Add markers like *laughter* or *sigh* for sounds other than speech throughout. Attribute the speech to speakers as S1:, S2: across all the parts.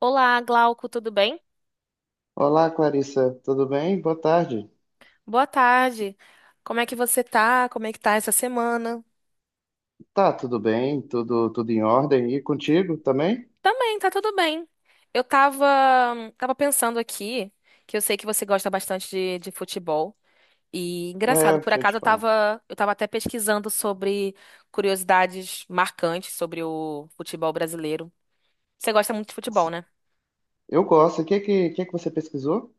S1: Olá, Glauco, tudo bem?
S2: Olá, Clarissa, tudo bem? Boa tarde.
S1: Boa tarde. Como é que você tá? Como é que tá essa semana?
S2: Tá, tudo bem, tudo em ordem. E contigo também?
S1: Também, tá tudo bem. Eu tava, tava pensando aqui, que eu sei que você gosta bastante de futebol. E engraçado,
S2: É,
S1: por
S2: deixa eu
S1: acaso
S2: te falar.
S1: eu tava até pesquisando sobre curiosidades marcantes sobre o futebol brasileiro. Você gosta muito de futebol, né?
S2: Eu gosto. O que que você pesquisou?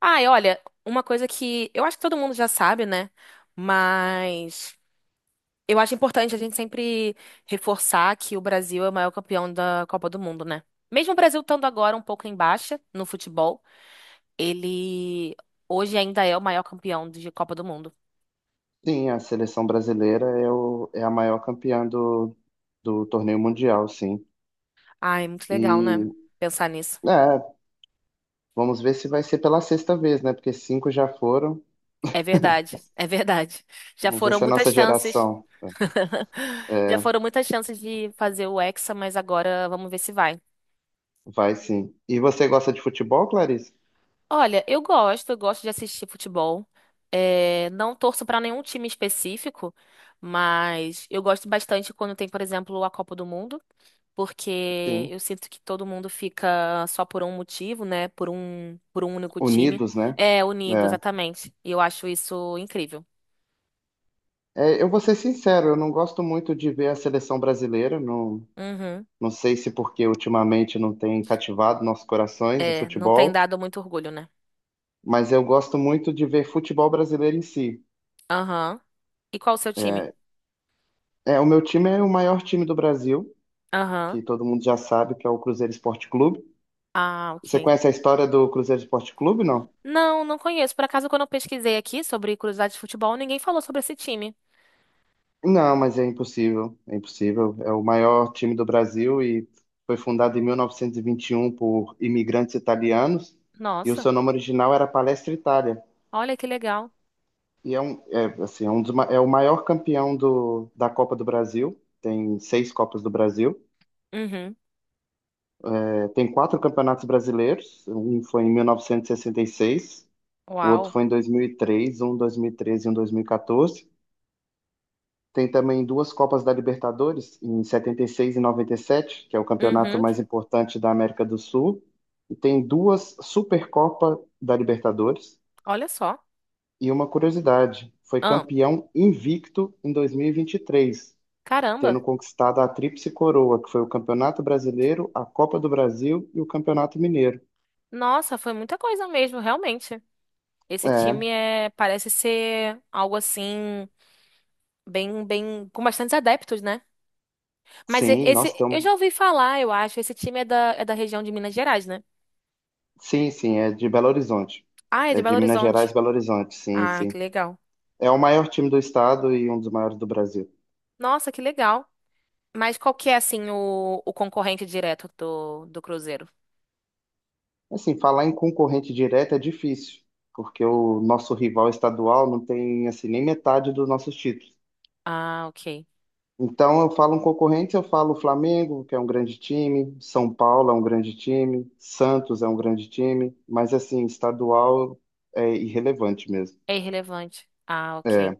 S1: Ah, e olha, uma coisa que eu acho que todo mundo já sabe, né? Mas. Eu acho importante a gente sempre reforçar que o Brasil é o maior campeão da Copa do Mundo, né? Mesmo o Brasil estando agora um pouco em baixa no futebol, ele hoje ainda é o maior campeão de Copa do Mundo.
S2: Sim, a seleção brasileira é a maior campeã do torneio mundial, sim.
S1: Ai, muito legal, né?
S2: E,
S1: Pensar nisso.
S2: é, vamos ver se vai ser pela sexta vez, né? Porque cinco já foram.
S1: É verdade, é verdade. Já
S2: Vamos ver
S1: foram
S2: se a
S1: muitas
S2: nossa
S1: chances.
S2: geração
S1: *laughs* Já foram muitas chances de fazer o Hexa, mas agora vamos ver se vai.
S2: vai, sim. E você gosta de futebol, Clarissa?
S1: Olha, eu gosto de assistir futebol. É, não torço pra nenhum time específico, mas eu gosto bastante quando tem, por exemplo, a Copa do Mundo, porque
S2: Sim.
S1: eu sinto que todo mundo fica só por um motivo, né? Por um único time.
S2: Unidos, né?
S1: É,
S2: É.
S1: unido, exatamente. E eu acho isso incrível.
S2: Eu vou ser sincero, eu não gosto muito de ver a seleção brasileira. Não,
S1: Uhum.
S2: não sei se porque ultimamente não tem cativado nossos corações o
S1: É, não tem
S2: futebol,
S1: dado muito orgulho, né?
S2: mas eu gosto muito de ver futebol brasileiro em si.
S1: Aham. E qual o seu time?
S2: É, o meu time é o maior time do Brasil,
S1: Aham.
S2: que todo mundo já sabe que é o Cruzeiro Esporte Clube.
S1: Ah,
S2: Você
S1: ok.
S2: conhece a história do Cruzeiro Esporte Clube, não?
S1: Não, não conheço. Por acaso, quando eu pesquisei aqui sobre curiosidades de futebol, ninguém falou sobre esse time.
S2: Não, mas é impossível, é impossível. É o maior time do Brasil e foi fundado em 1921 por imigrantes italianos, e o
S1: Nossa,
S2: seu nome original era Palestra Itália.
S1: olha que legal.
S2: E é o maior campeão da Copa do Brasil. Tem seis Copas do Brasil.
S1: Uhum.
S2: Tem quatro campeonatos brasileiros. Um foi em 1966, o outro
S1: Uau.
S2: foi em 2003, um em 2013 e um em 2014. Tem também duas Copas da Libertadores, em 76 e 97, que é o campeonato
S1: Uhum.
S2: mais importante da América do Sul. E tem duas Supercopa da Libertadores.
S1: Olha só.
S2: E uma curiosidade, foi
S1: Ah,
S2: campeão invicto em 2023,
S1: caramba.
S2: tendo conquistado a Tríplice Coroa, que foi o Campeonato Brasileiro, a Copa do Brasil e o Campeonato Mineiro.
S1: Nossa, foi muita coisa mesmo, realmente. Esse
S2: É,
S1: time é parece ser algo assim bem bem com bastantes adeptos, né? Mas
S2: sim, nós
S1: esse eu
S2: estamos.
S1: já ouvi falar, eu acho, esse time é da região de Minas Gerais, né?
S2: Sim, sim, é de Belo Horizonte.
S1: Ah, é de
S2: É
S1: Belo
S2: de Minas Gerais,
S1: Horizonte.
S2: Belo Horizonte, sim,
S1: Ah,
S2: sim.
S1: que legal.
S2: É o maior time do estado e um dos maiores do Brasil.
S1: Nossa, que legal. Mas qual que é assim o concorrente direto do Cruzeiro?
S2: Assim, falar em concorrente direto é difícil, porque o nosso rival estadual não tem assim nem metade dos nossos títulos.
S1: Ah, ok.
S2: Então, eu falo um concorrente, eu falo Flamengo, que é um grande time, São Paulo é um grande time, Santos é um grande time, mas, assim, estadual é irrelevante mesmo.
S1: É irrelevante. Ah, ok.
S2: É,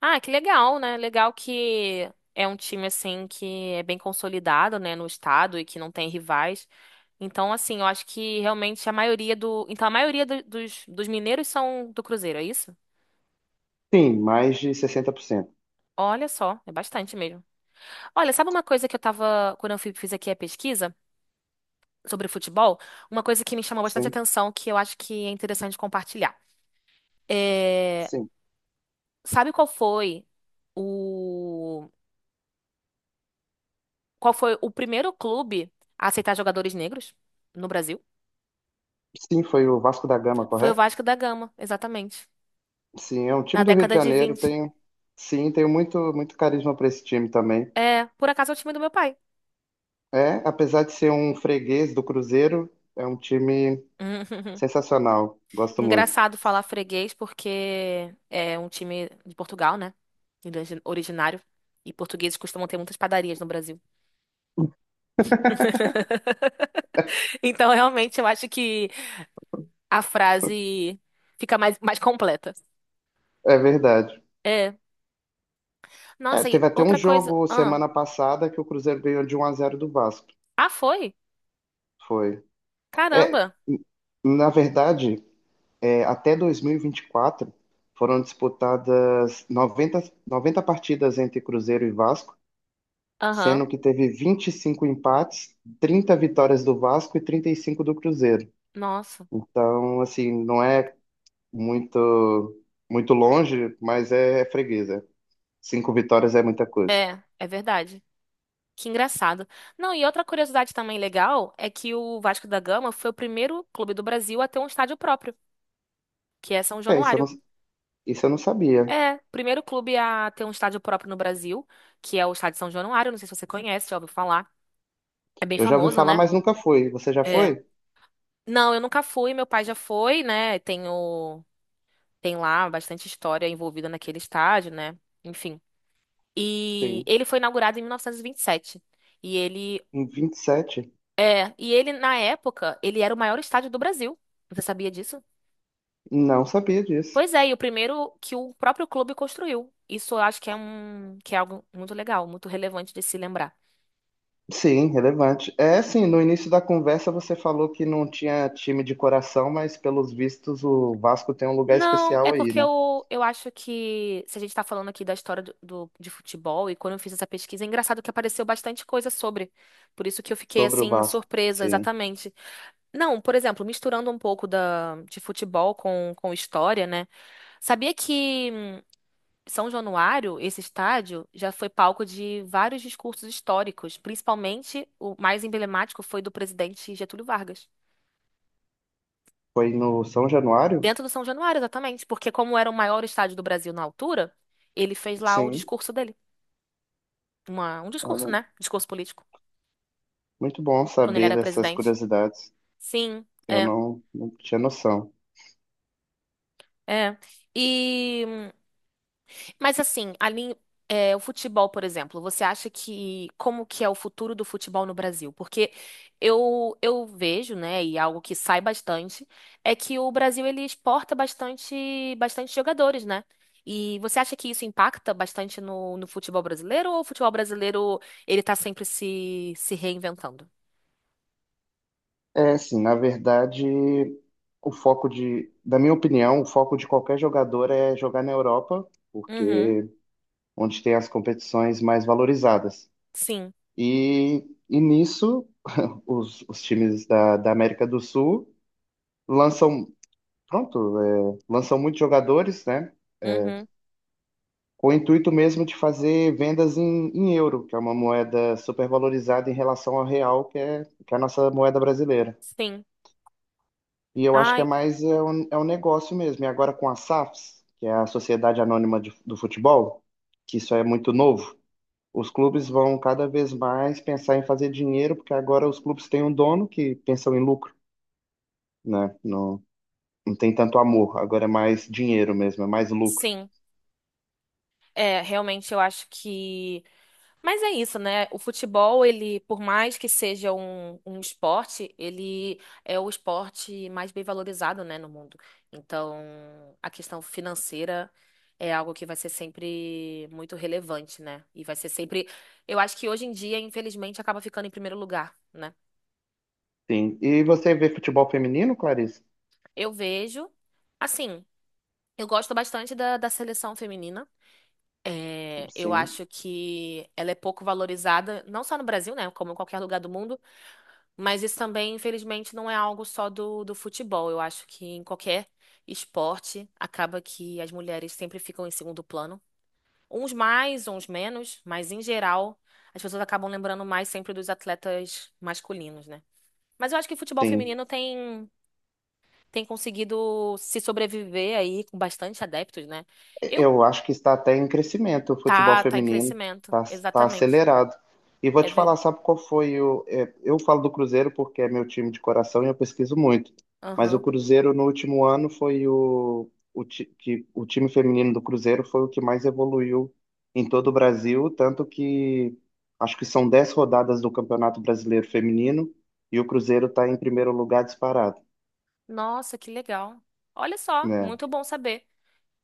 S1: Ah, que legal, né? Legal que é um time assim que é bem consolidado, né, no estado e que não tem rivais. Então, assim, eu acho que realmente então a maioria dos mineiros são do Cruzeiro, é isso?
S2: sim, mais de 60%.
S1: Olha só, é bastante mesmo. Olha, sabe uma coisa que eu tava, quando eu fiz aqui a pesquisa sobre futebol, uma coisa que me chamou bastante
S2: Sim,
S1: atenção que eu acho que é interessante compartilhar. É,
S2: sim.
S1: sabe o qual foi o primeiro clube a aceitar jogadores negros no Brasil?
S2: Sim, foi o Vasco da Gama,
S1: Foi o
S2: correto?
S1: Vasco da Gama, exatamente.
S2: Sim, é um
S1: Na
S2: time do Rio de
S1: década de
S2: Janeiro.
S1: 20,
S2: Sim, tenho muito, muito carisma para esse time também.
S1: é, por acaso é o time do meu pai.
S2: É, apesar de ser um freguês do Cruzeiro, é um time
S1: *laughs*
S2: sensacional. Gosto muito.
S1: Engraçado falar freguês, porque é um time de Portugal, né? Originário. E portugueses costumam ter muitas padarias no Brasil. *laughs* Então, realmente, eu acho que a frase fica mais completa.
S2: É verdade.
S1: É.
S2: É,
S1: Nossa, e
S2: teve até um
S1: outra coisa.
S2: jogo semana passada que o Cruzeiro ganhou de 1-0 do Vasco.
S1: Ah, foi?
S2: Foi.
S1: Caramba.
S2: N- Na verdade, até 2024 foram disputadas noventa partidas entre Cruzeiro e Vasco,
S1: Aham.
S2: sendo que teve 25 empates, 30 vitórias do Vasco e 35 do Cruzeiro.
S1: Nossa.
S2: Então, assim, não é muito muito longe, mas é freguesa. Cinco vitórias é muita coisa.
S1: É, é verdade. Que engraçado. Não, e outra curiosidade também legal é que o Vasco da Gama foi o primeiro clube do Brasil a ter um estádio próprio, que é São
S2: É, isso eu não,
S1: Januário.
S2: isso eu não sabia.
S1: É, primeiro clube a ter um estádio próprio no Brasil, que é o Estádio São Januário. Não sei se você conhece, já ouviu falar. É bem
S2: Eu já ouvi
S1: famoso,
S2: falar,
S1: né?
S2: mas nunca fui. Você já
S1: É.
S2: foi?
S1: Não, eu nunca fui, meu pai já foi, né? Tenho, tem lá bastante história envolvida naquele estádio, né? Enfim. E
S2: Sim.
S1: ele foi inaugurado em 1927. E vinte e sete. E ele
S2: Em 27.
S1: É, e ele, na época, ele era o maior estádio do Brasil. Você sabia disso?
S2: Não sabia disso.
S1: Pois é, e o primeiro que o próprio clube construiu. Isso eu acho que é um, que é algo muito legal, muito relevante de se lembrar.
S2: Sim, relevante. É assim, no início da conversa você falou que não tinha time de coração, mas pelos vistos o Vasco tem um lugar
S1: Não,
S2: especial
S1: é
S2: aí,
S1: porque
S2: né?
S1: eu acho que se a gente tá falando aqui da história de futebol, e quando eu fiz essa pesquisa, é engraçado que apareceu bastante coisa sobre. Por isso que eu fiquei
S2: Sobre o
S1: assim,
S2: Vasco.
S1: surpresa,
S2: Sim.
S1: exatamente. Não, por exemplo, misturando um pouco de futebol com história, né? Sabia que São Januário, esse estádio, já foi palco de vários discursos históricos, principalmente o mais emblemático foi do presidente Getúlio Vargas.
S2: Foi no São Januário?
S1: Dentro do São Januário, exatamente, porque como era o maior estádio do Brasil na altura, ele fez lá o
S2: Sim.
S1: discurso dele. Um discurso,
S2: Olha,
S1: né? Discurso político,
S2: muito bom
S1: quando ele
S2: saber
S1: era
S2: dessas
S1: presidente.
S2: curiosidades.
S1: Sim,
S2: Eu não tinha noção.
S1: é. E Mas assim, ali, é, o futebol, por exemplo, você acha que como que é o futuro do futebol no Brasil? Porque eu vejo, né, e é algo que sai bastante, é que o Brasil ele exporta bastante, bastante jogadores, né? E você acha que isso impacta bastante no futebol brasileiro ou o futebol brasileiro ele tá sempre se reinventando?
S2: É, assim, na verdade, da minha opinião, o foco de qualquer jogador é jogar na Europa,
S1: Uhum,
S2: porque onde tem as competições mais valorizadas.
S1: sim,
S2: E nisso, *laughs* os times da América do Sul lançam, lançam muitos jogadores, né?
S1: uhum,
S2: Com o intuito mesmo de fazer vendas em euro, que é uma moeda supervalorizada em relação ao real, que é a nossa moeda brasileira.
S1: sim.
S2: E eu acho que é
S1: Ai,
S2: mais é um negócio mesmo. E agora com a SAFs, que é a Sociedade Anônima do Futebol, que isso é muito novo, os clubes vão cada vez mais pensar em fazer dinheiro, porque agora os clubes têm um dono que pensam em lucro, né? Não, não tem tanto amor, agora é mais dinheiro mesmo, é mais lucro.
S1: sim. É, realmente eu acho que Mas é isso, né? O futebol, ele, por mais que seja um esporte, ele é o esporte mais bem valorizado, né, no mundo. Então, a questão financeira é algo que vai ser sempre muito relevante, né? E vai ser sempre. Eu acho que hoje em dia, infelizmente, acaba ficando em primeiro lugar, né?
S2: Sim. E você vê futebol feminino, Clarice?
S1: Eu vejo, assim, eu gosto bastante da seleção feminina. É, eu
S2: Sim.
S1: acho que ela é pouco valorizada, não só no Brasil, né? Como em qualquer lugar do mundo. Mas isso também, infelizmente, não é algo só do futebol. Eu acho que em qualquer esporte acaba que as mulheres sempre ficam em segundo plano. Uns mais, uns menos, mas em geral as pessoas acabam lembrando mais sempre dos atletas masculinos, né? Mas eu acho que o futebol
S2: Sim.
S1: feminino tem conseguido se sobreviver aí com bastante adeptos, né? Eu
S2: Eu acho que está até em crescimento o futebol
S1: tá, tá em
S2: feminino,
S1: crescimento,
S2: está tá
S1: exatamente.
S2: acelerado. E vou
S1: É
S2: te falar,
S1: ver.
S2: sabe qual foi o. é, eu falo do Cruzeiro porque é meu time de coração e eu pesquiso muito. Mas o
S1: Aham.
S2: Cruzeiro no último ano foi o, ti- que, o time feminino do Cruzeiro foi o que mais evoluiu em todo o Brasil, tanto que acho que são 10 rodadas do Campeonato Brasileiro Feminino e o Cruzeiro está em primeiro lugar disparado,
S1: Nossa, que legal. Olha só,
S2: né?
S1: muito bom saber.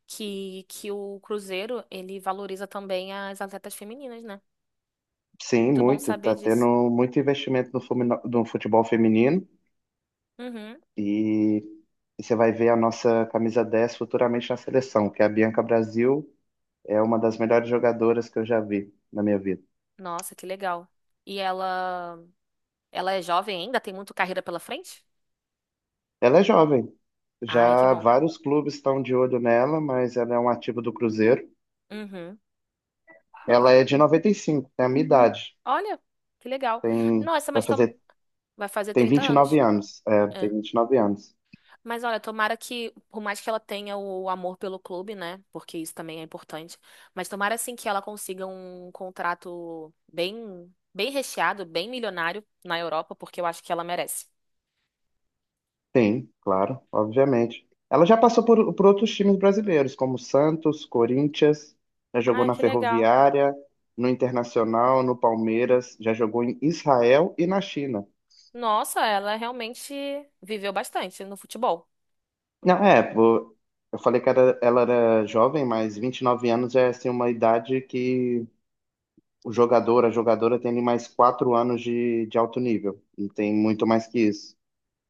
S1: Que o Cruzeiro, ele valoriza também as atletas femininas, né?
S2: Sim,
S1: Muito bom
S2: muito.
S1: saber
S2: Está
S1: disso.
S2: tendo muito investimento no futebol feminino.
S1: Uhum.
S2: E, e você vai ver a nossa camisa 10 futuramente na seleção, que é a Bianca Brasil, é uma das melhores jogadoras que eu já vi na minha vida.
S1: Nossa, que legal. E ela é jovem ainda? Tem muito carreira pela frente?
S2: Ela é jovem,
S1: Ai, que
S2: já
S1: bom.
S2: vários clubes estão de olho nela, mas ela é um ativo do Cruzeiro.
S1: Uhum.
S2: Ela é de 95, tem a minha idade.
S1: Olha, que legal.
S2: tem,
S1: Nossa,
S2: vai
S1: mas tom-
S2: fazer,
S1: vai fazer
S2: tem
S1: 30
S2: 29
S1: anos.
S2: anos. É, tem
S1: É.
S2: 29 anos.
S1: Mas olha, tomara que, por mais que ela tenha o amor pelo clube, né? Porque isso também é importante. Mas tomara assim que ela consiga um contrato bem recheado, bem milionário na Europa, porque eu acho que ela merece.
S2: Tem, claro, obviamente. Ela já passou por outros times brasileiros, como Santos, Corinthians, já jogou
S1: Ai,
S2: na
S1: que legal.
S2: Ferroviária, no Internacional, no Palmeiras, já jogou em Israel e na China.
S1: Nossa, ela realmente viveu bastante no futebol.
S2: Não, pô, eu falei que ela era jovem, mas 29 anos é assim uma idade que o jogador, a jogadora tem ali mais 4 anos de alto nível, não tem muito mais que isso.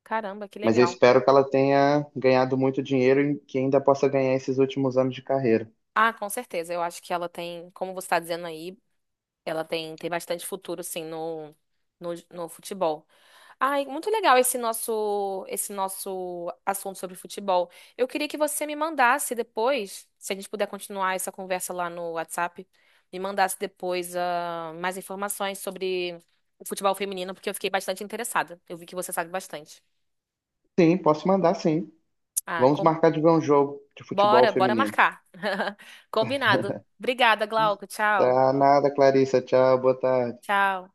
S1: Caramba, que
S2: Mas eu
S1: legal.
S2: espero que ela tenha ganhado muito dinheiro e que ainda possa ganhar esses últimos anos de carreira.
S1: Ah, com certeza. Eu acho que como você está dizendo aí, tem bastante futuro, sim, no futebol. Ai, muito legal esse nosso assunto sobre futebol. Eu queria que você me mandasse depois, se a gente puder continuar essa conversa lá no WhatsApp, me mandasse depois, ah, mais informações sobre o futebol feminino, porque eu fiquei bastante interessada. Eu vi que você sabe bastante.
S2: Sim, posso mandar, sim.
S1: Ah,
S2: Vamos marcar de ver um jogo de futebol
S1: bora, bora
S2: feminino.
S1: marcar. *laughs* Combinado. Obrigada, Glauco. Tchau.
S2: Tá nada, Clarissa. Tchau, boa tarde.
S1: Tchau.